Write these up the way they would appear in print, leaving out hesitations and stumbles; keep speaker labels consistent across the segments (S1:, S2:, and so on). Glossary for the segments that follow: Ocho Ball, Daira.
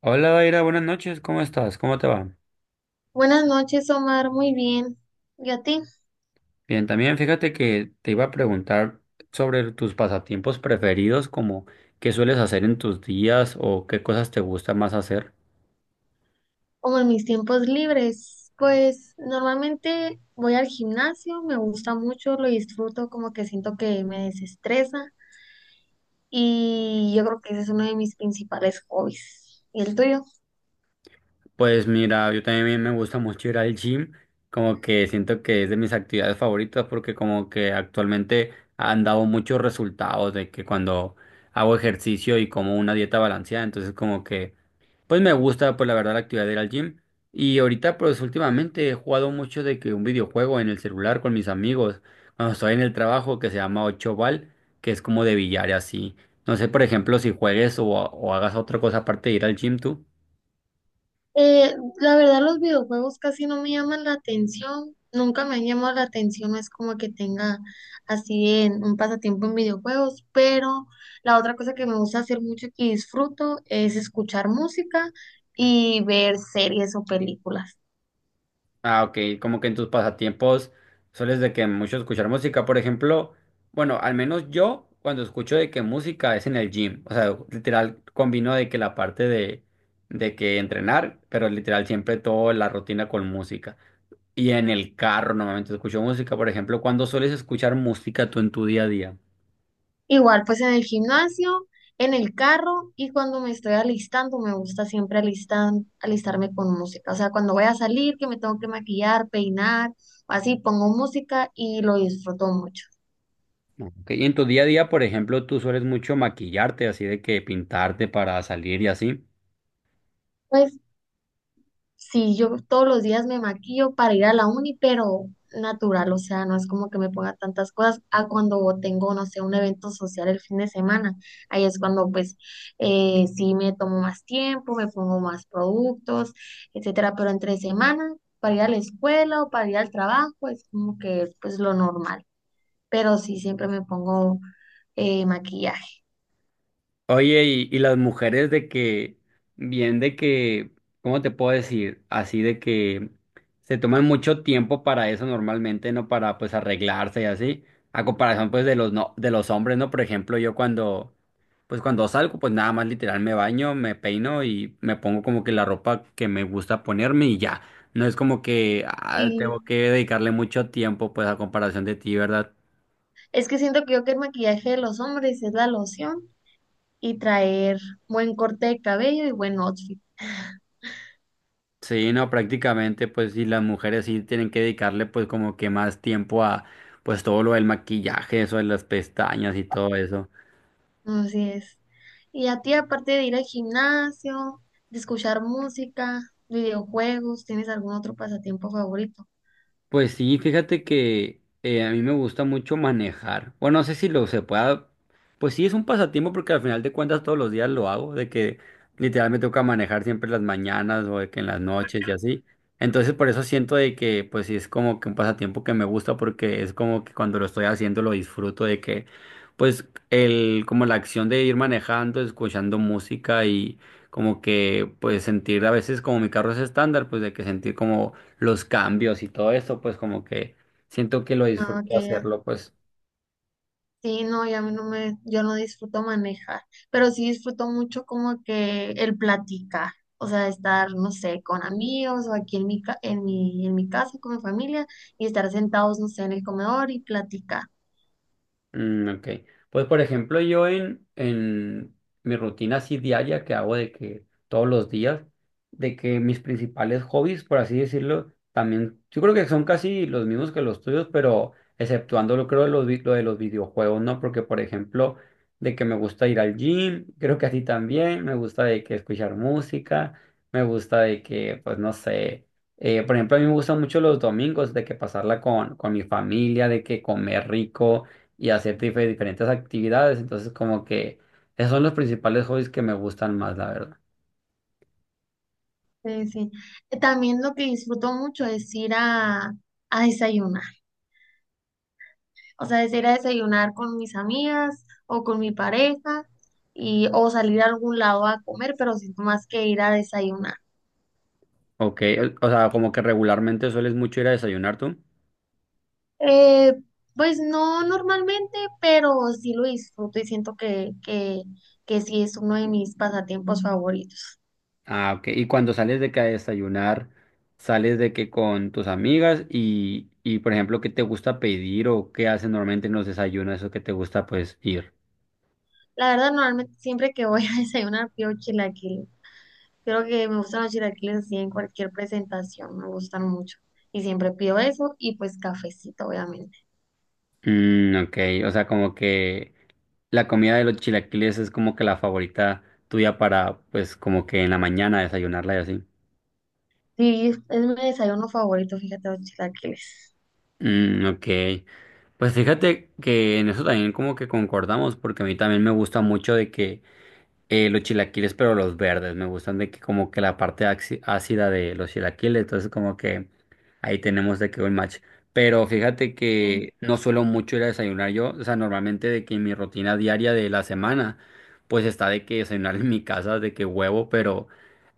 S1: Hola, Daira, buenas noches, ¿cómo estás? ¿Cómo te va?
S2: Buenas noches, Omar. Muy bien. ¿Y a ti?
S1: Bien, también fíjate que te iba a preguntar sobre tus pasatiempos preferidos, como qué sueles hacer en tus días o qué cosas te gusta más hacer.
S2: Como en mis tiempos libres, pues normalmente voy al gimnasio, me gusta mucho, lo disfruto, como que siento que me desestresa y yo creo que ese es uno de mis principales hobbies. ¿Y el tuyo?
S1: Pues mira, yo también me gusta mucho ir al gym, como que siento que es de mis actividades favoritas porque como que actualmente han dado muchos resultados de que cuando hago ejercicio y como una dieta balanceada, entonces como que pues me gusta, pues la verdad, la actividad de ir al gym. Y ahorita, pues últimamente he jugado mucho de que un videojuego en el celular con mis amigos, cuando estoy en el trabajo, que se llama Ocho Ball, que es como de billar y así. No sé, por ejemplo, si juegues o hagas otra cosa aparte de ir al gym tú.
S2: Eh, la verdad, los videojuegos casi no me llaman la atención, nunca me han llamado la atención, no es como que tenga así en un pasatiempo en videojuegos, pero la otra cosa que me gusta hacer mucho y que disfruto es escuchar música y ver series o películas.
S1: Ah, ok, como que en tus pasatiempos sueles de que mucho escuchar música, por ejemplo, bueno, al menos yo cuando escucho de que música es en el gym, o sea, literal combino de que la parte de que entrenar, pero literal siempre toda la rutina con música. Y en el carro normalmente escucho música, por ejemplo, cuando sueles escuchar música tú en tu día a día.
S2: Igual, pues en el gimnasio, en el carro y cuando me estoy alistando, me gusta siempre alistarme con música. O sea, cuando voy a salir, que me tengo que maquillar, peinar, así pongo música y lo disfruto mucho.
S1: Ok, y en tu día a día, por ejemplo, tú sueles mucho maquillarte, así de que pintarte para salir y así.
S2: Pues sí, yo todos los días me maquillo para ir a la uni, pero natural, o sea, no es como que me ponga tantas cosas a cuando tengo, no sé, un evento social el fin de semana. Ahí es cuando pues sí me tomo más tiempo, me pongo más productos, etcétera, pero entre semana, para ir a la escuela o para ir al trabajo, es como que pues lo normal, pero sí siempre me pongo maquillaje.
S1: Oye, y las mujeres de que, bien de que, ¿cómo te puedo decir? Así de que se toman mucho tiempo para eso normalmente, ¿no? Para pues arreglarse y así. A comparación pues de los no, de los hombres, ¿no? Por ejemplo, yo cuando, pues cuando salgo, pues nada más literal me baño, me peino y me pongo como que la ropa que me gusta ponerme y ya. No es como que ah,
S2: Y
S1: tengo que dedicarle mucho tiempo pues a comparación de ti, ¿verdad?
S2: es que siento que yo que el maquillaje de los hombres es la loción. Y traer buen corte de cabello y buen outfit.
S1: Sí, no, prácticamente, pues sí, las mujeres sí tienen que dedicarle pues como que más tiempo a pues todo lo del maquillaje, eso de las pestañas y todo eso.
S2: Así es. Y a ti, aparte de ir al gimnasio, de escuchar música, videojuegos, ¿tienes algún otro pasatiempo favorito?
S1: Pues sí, fíjate que a mí me gusta mucho manejar. Bueno, no sé si lo se pueda. Pues sí, es un pasatiempo porque al final de cuentas todos los días lo hago, de que literal me toca manejar siempre en las mañanas o de que en las noches y así. Entonces por eso siento de que pues sí es como que un pasatiempo que me gusta porque es como que cuando lo estoy haciendo lo disfruto de que pues el como la acción de ir manejando, escuchando música y como que pues sentir a veces como mi carro es estándar, pues de que sentir como los cambios y todo eso, pues como que siento que lo
S2: Ah, ok,
S1: disfruto
S2: ya.
S1: hacerlo, pues.
S2: Sí, no, yo a mí no me, yo no disfruto manejar, pero sí disfruto mucho como que el platicar, o sea, estar, no sé, con amigos o aquí en en mi casa con mi familia y estar sentados, no sé, en el comedor y platicar.
S1: Mm, ok. Pues por ejemplo, yo en mi rutina así diaria que hago de que todos los días, de que mis principales hobbies, por así decirlo, también, yo creo que son casi los mismos que los tuyos, pero exceptuando lo creo de los, lo de los videojuegos, ¿no? Porque por ejemplo, de que me gusta ir al gym, creo que a ti también, me gusta de que escuchar música, me gusta de que, pues no sé. Por ejemplo, a mí me gustan mucho los domingos de que pasarla con mi familia, de que comer rico y hacer diferentes actividades. Entonces, como que esos son los principales hobbies que me gustan más, la verdad.
S2: Sí, sí. También lo que disfruto mucho es ir a desayunar, o sea, es ir a desayunar con mis amigas o con mi pareja y, o salir a algún lado a comer, pero siento más que ir a desayunar.
S1: Ok, o sea, como que regularmente sueles mucho ir a desayunar tú.
S2: Eh, pues no normalmente, pero sí lo disfruto y siento que sí es uno de mis pasatiempos favoritos.
S1: Ah, ok. Y cuando sales de que a desayunar, sales de que con tus amigas y por ejemplo, ¿qué te gusta pedir o qué hacen normalmente en los desayunos, eso que te gusta pues ir?
S2: La verdad, normalmente siempre que voy a desayunar pido chilaquiles. Creo que me gustan los chilaquiles así en cualquier presentación, me gustan mucho. Y siempre pido eso y pues cafecito, obviamente.
S1: Mm, ok, o sea, como que la comida de los chilaquiles es como que la favorita tuya para pues como que en la mañana desayunarla y así.
S2: Sí, es mi desayuno favorito, fíjate, los chilaquiles.
S1: Mm, ok. Pues fíjate que en eso también como que concordamos, porque a mí también me gusta mucho de que los chilaquiles, pero los verdes, me gustan de que como que la parte ácida de los chilaquiles, entonces como que ahí tenemos de que un match. Pero fíjate
S2: Mm.
S1: que no suelo mucho ir a desayunar yo, o sea, normalmente de que mi rutina diaria de la semana, pues está de que desayunar en mi casa, de que huevo, pero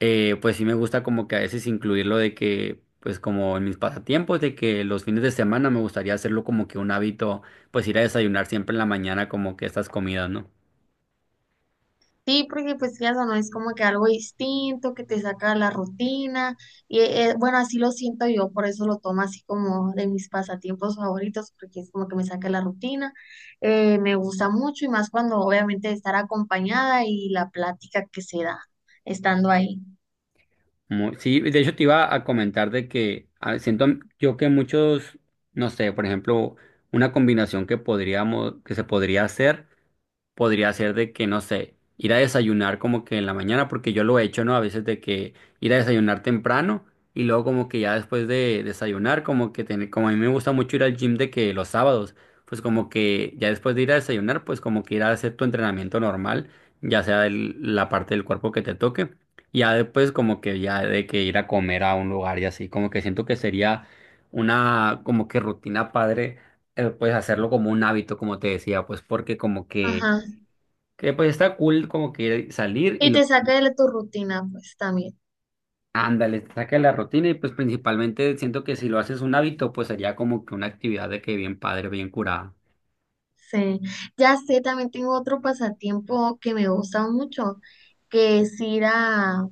S1: pues sí me gusta como que a veces incluirlo de que, pues como en mis pasatiempos, de que los fines de semana me gustaría hacerlo como que un hábito, pues ir a desayunar siempre en la mañana como que estas comidas, ¿no?
S2: Sí, porque pues ya no es como que algo distinto, que te saca de la rutina. Y bueno, así lo siento yo, por eso lo tomo así como de mis pasatiempos favoritos, porque es como que me saca de la rutina. Me gusta mucho y más cuando obviamente estar acompañada y la plática que se da estando ahí.
S1: Muy- sí, de hecho te iba a comentar de que ah, siento yo que muchos, no sé, por ejemplo, una combinación que podríamos, que se podría hacer. Podría ser de que, no sé, ir a desayunar como que en la mañana, porque yo lo he hecho, ¿no? A veces de que ir a desayunar temprano y luego como que ya después de desayunar, como que tener, como a mí me gusta mucho ir al gym de que los sábados, pues como que ya después de ir a desayunar, pues como que ir a hacer tu entrenamiento normal, ya sea la parte del cuerpo que te toque, y ya después como que ya de que ir a comer a un lugar y así, como que siento que sería una como que rutina padre pues hacerlo como un hábito, como te decía, pues porque como que
S2: Ajá.
S1: que está cool como que salir y
S2: Y te
S1: lo,
S2: saca de tu rutina, pues también.
S1: ándale, te saca de la rutina y pues principalmente siento que si lo haces un hábito, pues sería como que una actividad de que bien padre, bien curada.
S2: Sí. Ya sé, también tengo otro pasatiempo que me gusta mucho, que es ir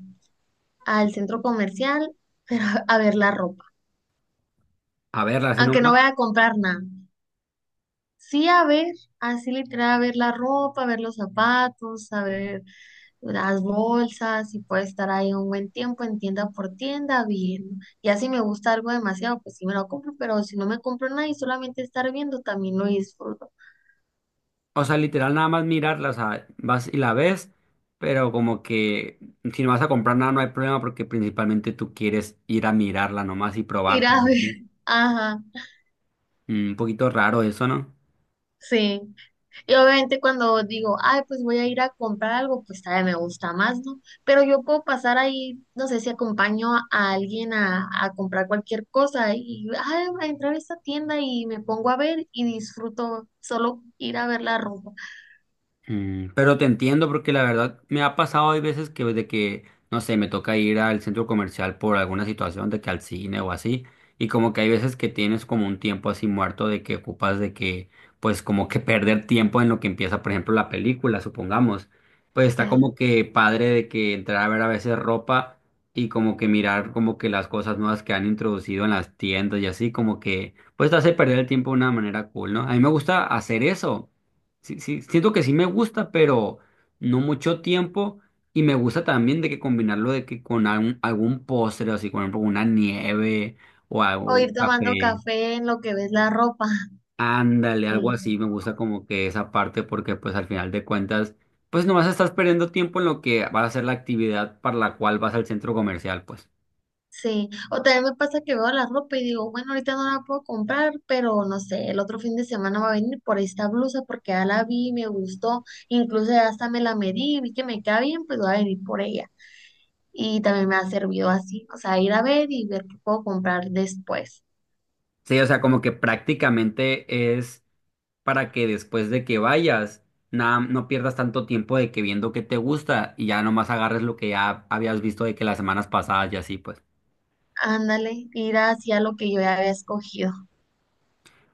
S2: al centro comercial, pero a ver la ropa.
S1: A verla, así
S2: Aunque no
S1: nomás,
S2: voy a comprar nada. Sí, a ver, así literal, a ver la ropa, a ver los zapatos, a ver las bolsas, y puedo estar ahí un buen tiempo en tienda por tienda viendo. Ya si me gusta algo demasiado, pues sí me lo compro, pero si no me compro nada y solamente estar viendo, también lo disfruto.
S1: o sea, literal nada más mirarla, o sea, vas y la ves, pero como que si no vas a comprar nada no hay problema porque principalmente tú quieres ir a mirarla nomás y
S2: Ir
S1: probarla,
S2: a
S1: y
S2: ver.
S1: así.
S2: Ajá,
S1: Mm, un poquito raro eso, ¿no?
S2: sí. Y obviamente cuando digo, ay, pues voy a ir a comprar algo, pues todavía me gusta más, ¿no? Pero yo puedo pasar ahí, no sé si acompaño a alguien a comprar cualquier cosa y, ay, voy a entrar a esta tienda y me pongo a ver y disfruto solo ir a ver la ropa.
S1: Mm, pero te entiendo porque la verdad me ha pasado hay veces que de que, no sé, me toca ir al centro comercial por alguna situación de que al cine o así, y como que hay veces que tienes como un tiempo así muerto de que ocupas de que, pues como que perder tiempo en lo que empieza, por ejemplo, la película, supongamos, pues está
S2: eh,
S1: como que padre de que entrar a ver a veces ropa y como que mirar como que las cosas nuevas que han introducido en las tiendas y así, como que, pues te hace perder el tiempo de una manera cool, ¿no? A mí me gusta hacer eso. Sí, sí, siento que sí me gusta, pero no mucho tiempo. Y me gusta también de que combinarlo de que con algún postre, así, por ejemplo, una nieve o algo-
S2: O ir
S1: un
S2: tomando
S1: café.
S2: café en lo que ves la ropa.
S1: Ándale, algo así.
S2: Sí.
S1: Me gusta como que esa parte porque pues al final de cuentas, pues nomás estás perdiendo tiempo en lo que va a ser la actividad para la cual vas al centro comercial, pues.
S2: Sí, o también me pasa que veo la ropa y digo, bueno, ahorita no la puedo comprar, pero no sé, el otro fin de semana va a venir por esta blusa porque ya la vi, me gustó, incluso ya hasta me la medí, vi que me queda bien, pues voy a venir por ella. Y también me ha servido así, o sea, ir a ver y ver qué puedo comprar después.
S1: Sí, o sea, como que prácticamente es para que después de que vayas, nada, no pierdas tanto tiempo de que viendo qué te gusta y ya nomás agarres lo que ya habías visto de que las semanas pasadas y así, pues.
S2: Ándale, ir hacia lo que yo ya había escogido,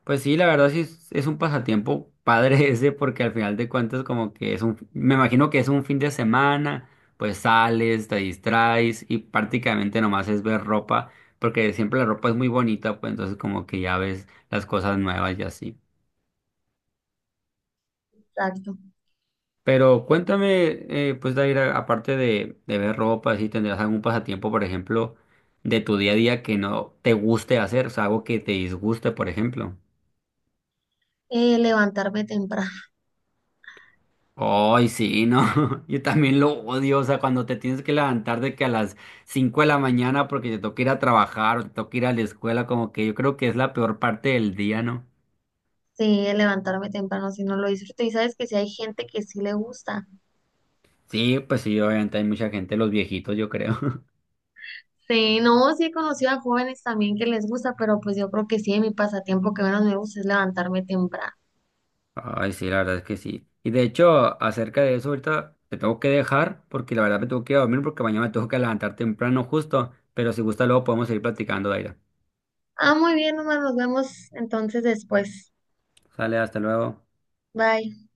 S1: Pues sí, la verdad sí es un pasatiempo padre ese porque al final de cuentas como que es un, me imagino que es un fin de semana, pues sales, te distraes y prácticamente nomás es ver ropa porque siempre la ropa es muy bonita, pues entonces como que ya ves las cosas nuevas y así.
S2: exacto.
S1: Pero cuéntame, pues Daira, aparte de ver ropa, si tendrás algún pasatiempo, por ejemplo, de tu día a día que no te guste hacer, o sea, algo que te disguste, por ejemplo.
S2: Levantarme temprano,
S1: Ay, sí, no, yo también lo odio, o sea, cuando te tienes que levantar de que a las 5 de la mañana porque te toca ir a trabajar o te toca ir a la escuela, como que yo creo que es la peor parte del día, ¿no?
S2: sí, levantarme temprano, si no lo disfruto. Y sabes que si hay gente que sí le gusta.
S1: Sí, pues sí, obviamente hay mucha gente, los viejitos, yo creo.
S2: Sí, no, sí he conocido a jóvenes también que les gusta, pero pues yo creo que sí, mi pasatiempo que menos me gusta es levantarme temprano.
S1: Ay, sí, la verdad es que sí. Y de hecho, acerca de eso, ahorita te tengo que dejar porque la verdad me tengo que ir a dormir porque mañana me tengo que levantar temprano justo. Pero si gusta, luego podemos seguir platicando, Daira.
S2: Ah, muy bien, Omar, nos vemos entonces después.
S1: Sale, hasta luego.
S2: Bye.